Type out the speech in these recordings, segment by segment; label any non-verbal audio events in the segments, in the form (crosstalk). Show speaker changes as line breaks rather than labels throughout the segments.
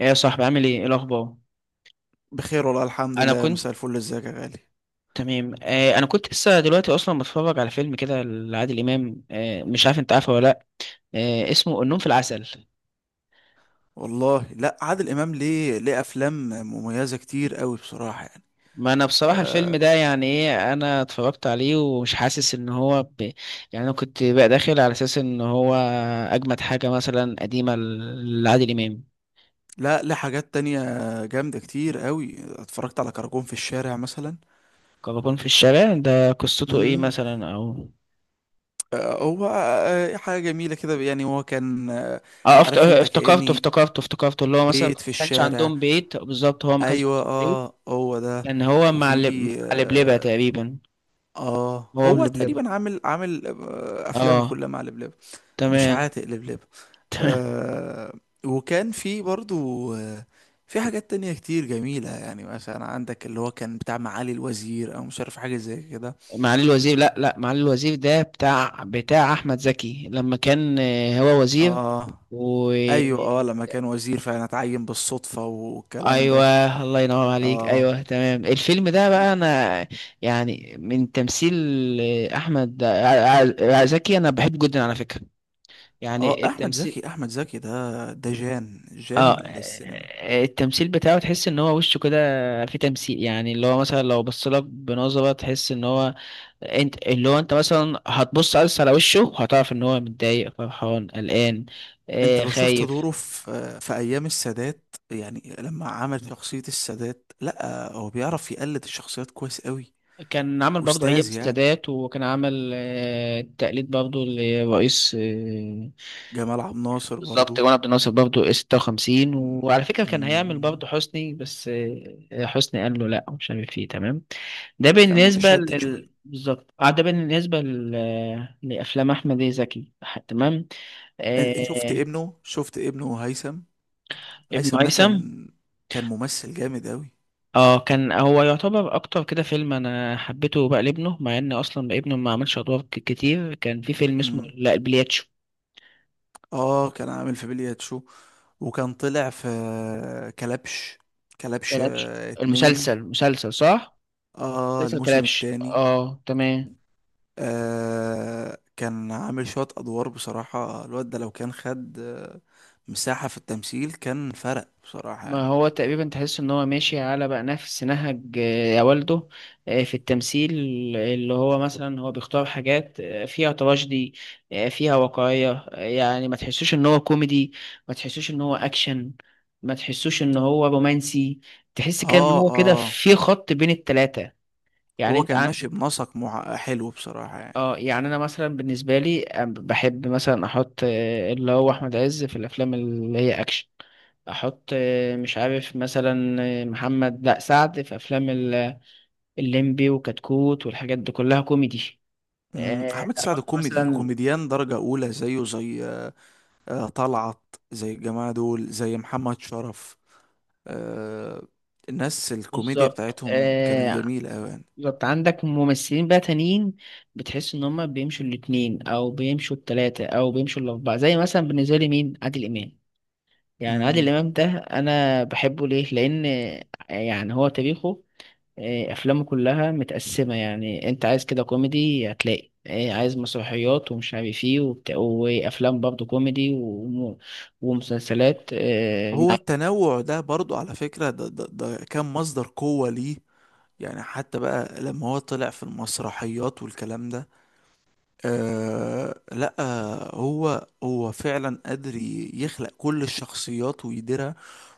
ايه يا صاحبي عامل ايه ايه الاخبار.
بخير والله الحمد
انا
لله، مساء
كنت
الفل، ازيك يا غالي؟
تمام. انا كنت لسه دلوقتي اصلا بتفرج على فيلم كده لعادل امام. مش عارف انت عارفه ولا لا؟ آه اسمه النوم في العسل.
والله، لا، عادل امام ليه افلام مميزه كتير قوي بصراحه يعني.
ما انا بصراحه الفيلم
آه
ده يعني ايه انا اتفرجت عليه ومش حاسس ان هو يعني انا كنت بقى داخل على اساس ان هو اجمد حاجه مثلا قديمه لعادل امام.
لا، ليه حاجات تانية جامده كتير قوي. اتفرجت على كراكون في الشارع مثلا.
كراكون في الشارع ده قصته ايه
امم
مثلا او
هو حاجه جميله كده يعني. هو كان، عارف انت،
افتكرته
كاني
افتكرته اللي هو مثلا
بيت
ما
في
كانش
الشارع.
عندهم بيت بالظبط، هو ما كانش
ايوه، هو ده.
لان هو
وفي
مع لبلبة
اه
تقريبا. هو
هو
بلبلبة.
تقريبا عامل افلامه
اه
كلها مع لبلب. مش
تمام.
عاتق لبلب.
(laughs)
آه وكان في برضو آه في حاجات تانية كتير جميلة يعني، مثلا عندك اللي هو كان بتاع معالي الوزير او مش عارف حاجة زي كده.
معالي الوزير، لا معالي الوزير ده بتاع احمد زكي لما كان، هو وزير
اه
و
ايوه، لما كان وزير فعلا اتعين بالصدفة والكلام ده.
ايوه الله ينور عليك،
اه
ايوه تمام. الفيلم ده
في-
بقى انا يعني من تمثيل احمد زكي. انا بحبه جدا على فكرة،
اه
يعني
احمد
التمثيل.
زكي احمد زكي ده جان
اه
السينما.
التمثيل بتاعه تحس ان هو وشه كده في تمثيل، يعني اللي هو مثلا لو بص لك بنظرة تحس ان هو، انت اللي هو انت مثلا هتبص بس على وشه هتعرف ان هو متضايق، فرحان، قلقان،
انت لو شفت
خايف.
دوره في ايام السادات، يعني لما عمل شخصية السادات. لا، هو بيعرف يقلد الشخصيات كويس قوي.
كان عمل برضه ايام
استاذ يعني،
السادات وكان عمل تقليد برضه لرئيس
جمال عبد الناصر
بالظبط،
برضو.
جمال عبد الناصر برضه 56. وعلى فكرة كان هيعمل
مم،
برضه حسني، بس حسني قال له لا، مش عارف ايه. تمام، ده
كان
بالنسبة
متشدد شوية.
لل بالظبط. اه ده لأفلام أحمد زكي. تمام.
أنا شفت
آه...
ابنه شفت ابنه هيثم.
ابن
هيثم ده
هيثم.
كان ممثل جامد أوي.
اه كان هو يعتبر أكتر كده فيلم أنا حبيته بقى لابنه، مع إن أصلا ابنه ما عملش أدوار كتير. كان في فيلم اسمه
مم.
لا البلياتشو.
اه كان عامل في بليات شو، وكان طلع في كلبش. كلبش،
كلبش
اتنين.
المسلسل، مسلسل صح؟
اه
مسلسل
الموسم
كلبش،
التاني.
اه تمام.
كان عامل شوية أدوار بصراحة. الواد ده لو كان خد مساحة في التمثيل، كان فرق بصراحة
ما
يعني.
هو تقريبا تحس ان هو ماشي على بقى نفس نهج يا والده في التمثيل. اللي هو مثلا هو بيختار حاجات فيها تراجيدي، فيها واقعية. يعني ما تحسوش ان هو كوميدي، ما تحسوش ان هو اكشن، ما تحسوش ان هو رومانسي. تحس كده ان
اه
هو
اه
كده في خط بين التلاتة. يعني
هو
انت
كان
عن،
ماشي بنسق مع، حلو بصراحة يعني.
اه يعني انا مثلا بالنسبة لي بحب مثلا احط اللي هو احمد عز في الافلام اللي هي اكشن. احط مش عارف مثلا محمد، لا، سعد في افلام الليمبي وكتكوت والحاجات دي كلها كوميدي.
احمد سعد
احط
كوميدي،
مثلا
كوميديان درجة اولى، زيه زي، طلعت، زي الجماعة دول، زي محمد شرف. آه، الناس الكوميديا
بالظبط
بتاعتهم كانت جميلة اوي يعني.
بالظبط. عندك ممثلين بقى تانيين بتحس ان هم بيمشوا الاتنين او بيمشوا التلاتة او بيمشوا الاربعة، زي مثلا بالنسبة لي مين؟ عادل امام. يعني عادل
مم.
امام ده انا بحبه ليه؟ لان يعني هو تاريخه إيه، افلامه كلها متقسمه. يعني انت عايز كده كوميدي هتلاقي، إيه، عايز مسرحيات ومش عارف ايه وبتاع، وافلام برضه كوميدي ومسلسلات إيه،
هو التنوع ده برضو على فكرة ده كان مصدر قوة ليه. يعني حتى بقى لما هو طلع في المسرحيات والكلام ده. لا، هو فعلا قادر يخلق كل الشخصيات ويديرها.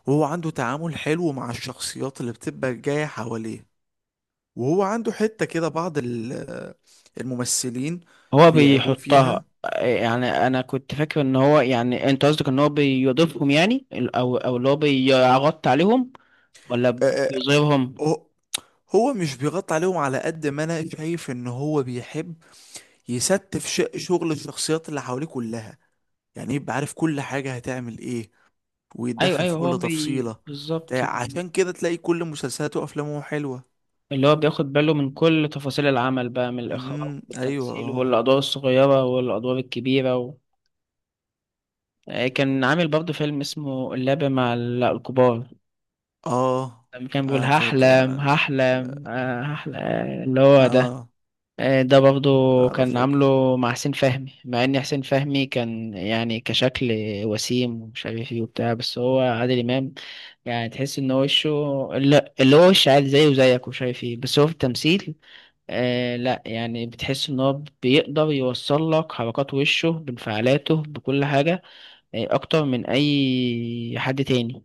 وهو عنده تعامل حلو مع الشخصيات اللي بتبقى جاية حواليه. وهو عنده حتة كده بعض الممثلين
هو
بيعيبوه
بيحطها
فيها.
إيه، يعني انا كنت فاكر ان هو، يعني انت قصدك ان هو بيضيفهم يعني او اللي هو بيغطي عليهم ولا
آه آه،
بيظهرهم؟
هو هو مش بيغطي عليهم، على قد ما انا شايف ان هو بيحب يستف شغل الشخصيات اللي حواليه كلها. يعني يبقى عارف كل حاجة هتعمل ايه،
ايوه
ويتدخل
ايوه
في
هو
كل تفصيلة.
بالظبط.
عشان كده تلاقي كل مسلسلاته وافلامه حلوة.
اللي هو بياخد باله من كل تفاصيل العمل بقى، من الاخراج
ايوه،
والتمثيل
اه.
والادوار الصغيره والادوار الكبيره. كان عامل برضه فيلم اسمه اللعبة مع الكبار،
اه
لما كان بيقول
اه فاكر انا
هحلم هحلم
ال-
آه، هحلم اللي هو ده.
اه
ده برضه
انا
كان
فاكر.
عامله مع حسين فهمي، مع ان حسين فهمي كان يعني كشكل وسيم ومش عارف ايه وبتاع، بس هو عادل امام يعني تحس ان هو وشه، لا اللي هو وش عادي زيه وزيك ومش عارف ايه، بس هو في التمثيل لا، يعني بتحس ان هو بيقدر يوصل لك حركات وشه بانفعالاته بكل حاجة، يعني اكتر من اي حد تاني.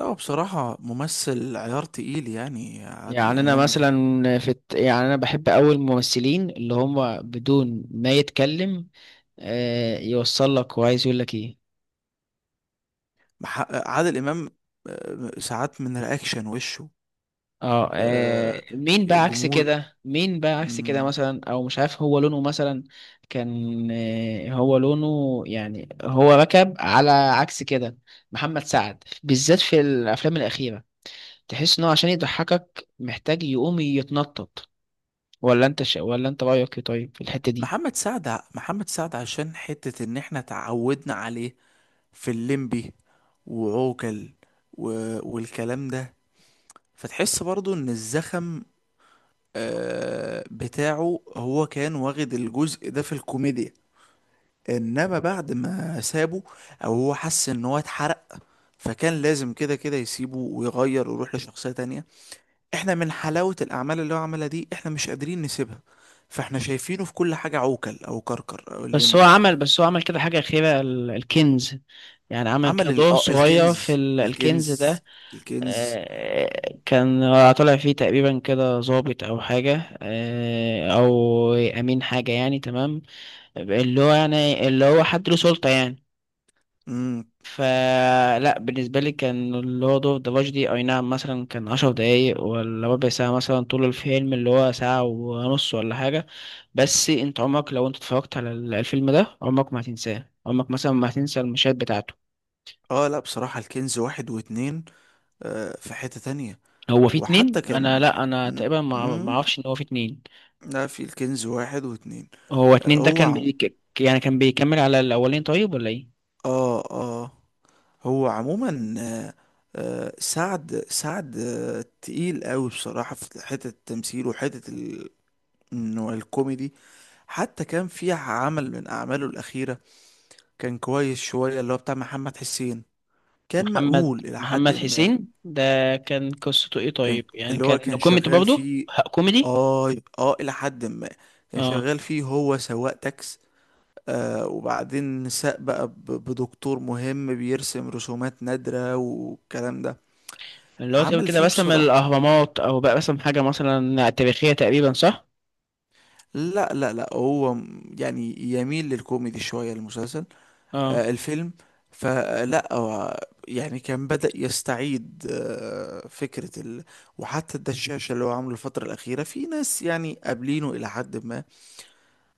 لا، هو بصراحة ممثل عيار تقيل يعني، عادل
يعني انا
امام ده.
مثلا في يعني انا بحب أوي الممثلين اللي هم بدون ما يتكلم يوصل لك هو عايز يقول لك ايه.
محقق عادل امام، ساعات من رياكشن وشه.
اه
آه
مين بقى عكس
جمهور.
كده، مين بقى عكس كده،
مم.
مثلا او مش عارف هو لونه مثلا كان هو لونه يعني هو ركب على عكس كده. محمد سعد بالذات في الافلام الاخيره تحس انه عشان يضحكك محتاج يقوم يتنطط. ولا انت رايك ايه طيب في الحته دي؟
محمد سعد عشان حتة ان احنا تعودنا عليه، في الليمبي وعوكل و... والكلام ده. فتحس برضو ان الزخم بتاعه هو كان واخد الجزء ده في الكوميديا. انما بعد ما سابه، او هو حس ان هو اتحرق. فكان لازم كده كده يسيبه ويغير ويروح لشخصية تانية. احنا من حلاوة الاعمال اللي هو عملها دي، احنا مش قادرين نسيبها. فاحنا شايفينه في كل حاجة، عوكل او كركر او الليمبي.
بس هو عمل كده حاجه اخيره، الكنز. يعني عمل كده
عمل ال...
دور
آه،
صغير في
الكنز
الكنز
الكنز
ده.
الكنز
كان طالع فيه تقريبا كده ضابط او حاجه او امين حاجه يعني، تمام، اللي هو حد له سلطه يعني.
مم،
فلا بالنسبة لي كان اللورد اوف ذا دي، اي نعم مثلا كان عشر دقايق ولا ربع ساعة مثلا طول الفيلم اللي هو ساعة ونص ولا حاجة، بس انت عمرك لو انت اتفرجت على الفيلم ده عمرك ما هتنساه، عمرك مثلا ما هتنسى المشاهد بتاعته.
اه لا، بصراحة الكنز واحد واتنين، في حتة تانية.
هو في اتنين؟
وحتى
انا
كان
لا انا
م-
تقريبا ما
م-
اعرفش ان هو في اتنين.
لا، في الكنز واحد واتنين.
هو
آه
اتنين ده
هو
كان
عم...
يعني كان بيكمل على الاولين طيب ولا ايه؟
اه اه هو عموما. آه سعد تقيل قوي بصراحة في حتة التمثيل، وحتة ال انه الكوميدي. حتى كان في عمل من اعماله الاخيرة، كان كويس شوية، اللي هو بتاع محمد حسين. كان
محمد
مقبول الى حد
محمد حسين
ما.
ده كان قصته ايه
كان
طيب، يعني
اللي هو
كان
كان
كوميدي
شغال
برضه
فيه.
كوميدي؟
اه، اه، الى حد ما. كان
اه
شغال فيه هو سواق تاكس. وبعدين ساق بقى بدكتور مهم بيرسم رسومات نادرة والكلام ده.
اللي هو تقريبا
عمل
كده
فيه
بسم
بصراحة.
الأهرامات أو بقى بسم حاجة مثلا تاريخية تقريبا صح؟
لا، لا، لا، هو يعني يميل للكوميدي شوية المسلسل.
اه
الفيلم. فلا، هو يعني كان بدأ يستعيد فكرة ال. وحتى الدشاشة اللي هو عامله الفترة الأخيرة، في ناس يعني قابلينه إلى حد ما.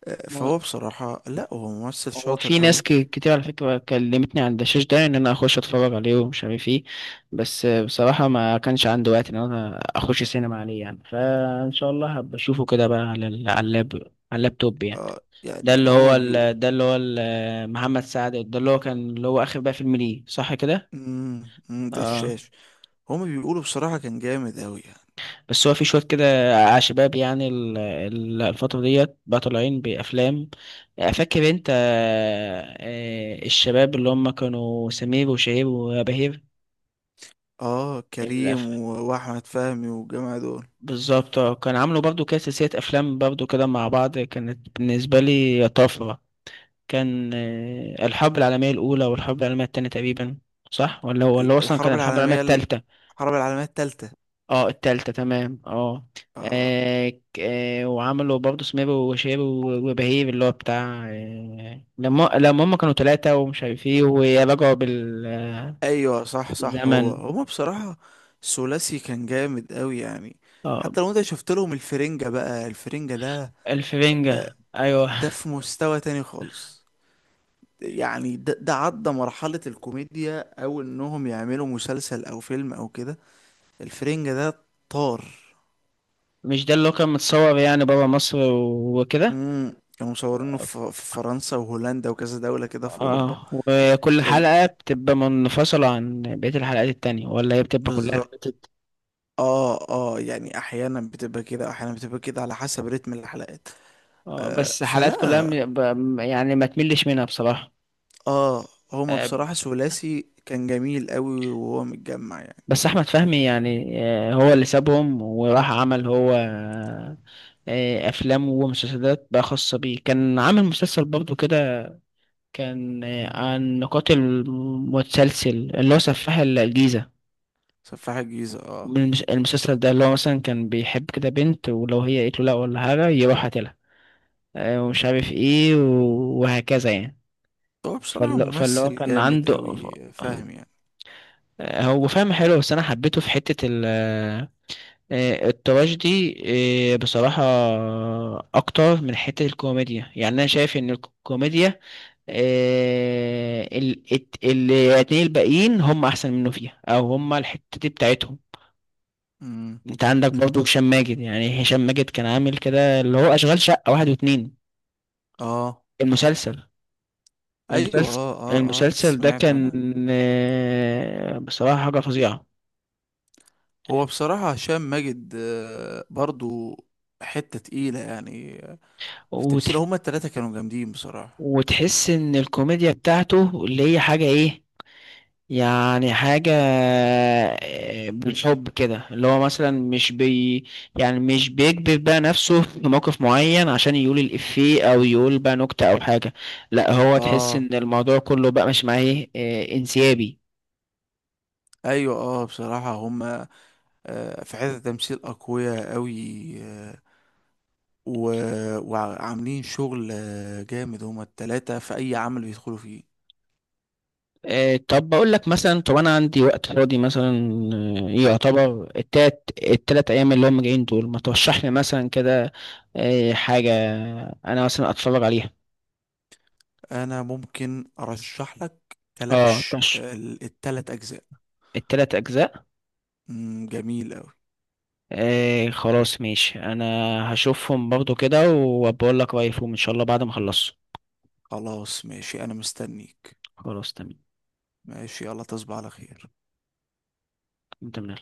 هو
فهو بصراحة، لا هو ممثل
هو
شاطر
في ناس
قوي.
كتير على فكرة كلمتني عن الدشاش ده إن أنا أخش أتفرج عليه ومش عارف إيه، بس بصراحة ما كانش عندي وقت إن أنا أخش سينما عليه يعني، فإن شاء الله هبقى أشوفه كده بقى على على اللاب، على اللابتوب يعني.
يعني هما بيقولوا،
ده اللي هو محمد سعد ده اللي هو كان اللي هو آخر بقى فيلم ليه صح كده؟ اه
دشاش. هما بيقولوا بصراحة كان جامد قوي يعني.
بس هو في شوية كده شباب يعني الفترة ديت بقى طالعين بأفلام. فاكر انت الشباب اللي هم كانوا سمير وشهير وبهير؟
اه كريم
الأف...
واحمد فهمي والجماعة دول.
بالظبط كان عاملوا برضو كده سلسلة أفلام برضو كده مع بعض، كانت بالنسبة لي طفرة. كان الحرب العالمية الأولى والحرب العالمية التانية تقريبا، صح؟ ولا هو
ال-
أصلا كان
الحرب
الحرب العالمية
العالمية ال-
التالتة؟
الحرب العالمية التالتة.
اه التالتة تمام، اه
آه
وعملوا برضه سمير وشهير وبهير اللي هو بتاع لما هم كانوا تلاتة ومش عارف ايه ورجعوا
ايوه، صح، صح، هو
بالزمن.
هما بصراحة ثلاثي كان جامد قوي يعني.
اه
حتى لو انت شفت لهم الفرنجة، بقى الفرنجة ده،
الفرنجة، ايوه.
ده في مستوى تاني خالص. يعني ده عدى مرحلة الكوميديا، او انهم يعملوا مسلسل او فيلم او كده. الفرنجة ده طار.
مش ده اللي هو كان متصور يعني بابا مصر وكده؟
كانوا مصورينه في فرنسا وهولندا وكذا دولة كده في اوروبا.
اه وكل
ال...
حلقة بتبقى منفصلة عن بقية الحلقات التانية، ولا هي بتبقى كلها
بالظبط. اه يعني احيانا بتبقى كده، احيانا بتبقى كده، على حسب رتم الحلقات.
اه بس حلقات كلها
فلا،
يعني ما تملش منها بصراحة.
اه هما
آه،
بصراحة ثلاثي كان جميل قوي وهو متجمع يعني.
بس احمد فهمي يعني هو اللي سابهم وراح عمل هو افلام ومسلسلات بقى خاصة بيه. كان عامل مسلسل برضه كده، كان عن قاتل متسلسل اللي هو سفاح الجيزة.
سفاح الجيزة. اه.
المسلسل ده اللي هو مثلا كان بيحب كده بنت، ولو هي قالت له لا ولا حاجة يروح قاتلها ومش عارف ايه وهكذا يعني.
هو بصراحة
فاللي هو
ممثل
كان
جامد
عنده
قوي، فاهم يعني.
هو فاهم حلو، بس انا حبيته في حتة ال آه، التراجيدي بصراحة أكتر من حتة الكوميديا. يعني أنا شايف إن الكوميديا الاتنين الباقيين هم أحسن منه فيها، أو هم الحتة دي بتاعتهم.
امم
أنت عندك برضه هشام ماجد، يعني هشام ماجد كان عامل كده اللي هو أشغال شقة واحد واتنين،
اه،
المسلسل.
ايوه،
المسلسل
اه، اه، اه،
المسلسل ده
سمعته
كان
انا.
بصراحة حاجة فظيعة.
هو بصراحة هشام ماجد، برضو، حتة تقيلة يعني، في تمثيله،
وتح-
هما التلاتة كانوا جامدين بصراحة.
وتحس إن الكوميديا بتاعته اللي هي حاجة إيه، يعني حاجة بالحب كده، اللي هو مثلا مش بي، يعني مش بيكبر بقى نفسه (laughs) في موقف معين عشان يقول الإفيه أو يقول بقى نكتة أو حاجة. لا هو تحس
اه
إن الموضوع كله بقى مش معاه إيه، انسيابي.
ايوه، بصراحة هما في حتة تمثيل اقوياء قوي، و... وعاملين شغل جامد، هما التلاتة في اي عمل بيدخلوا فيه.
طب بقول لك مثلا، طب أنا عندي وقت فاضي مثلا يعتبر التلات أيام اللي هم جايين دول، ما ترشح لي مثلا كده حاجة أنا مثلا أتفرج عليها؟
انا ممكن ارشح لك
اه
كلبش،
ترشح
التلات اجزاء.
التلات أجزاء؟
جميل قوي.
ايه خلاص ماشي، انا هشوفهم برضو كده وبقول لك رأيي فيهم ان شاء الله بعد ما اخلصهم.
خلاص، ماشي، انا مستنيك.
خلاص تمام.
ماشي، يلا، تصبح على خير.
تمام.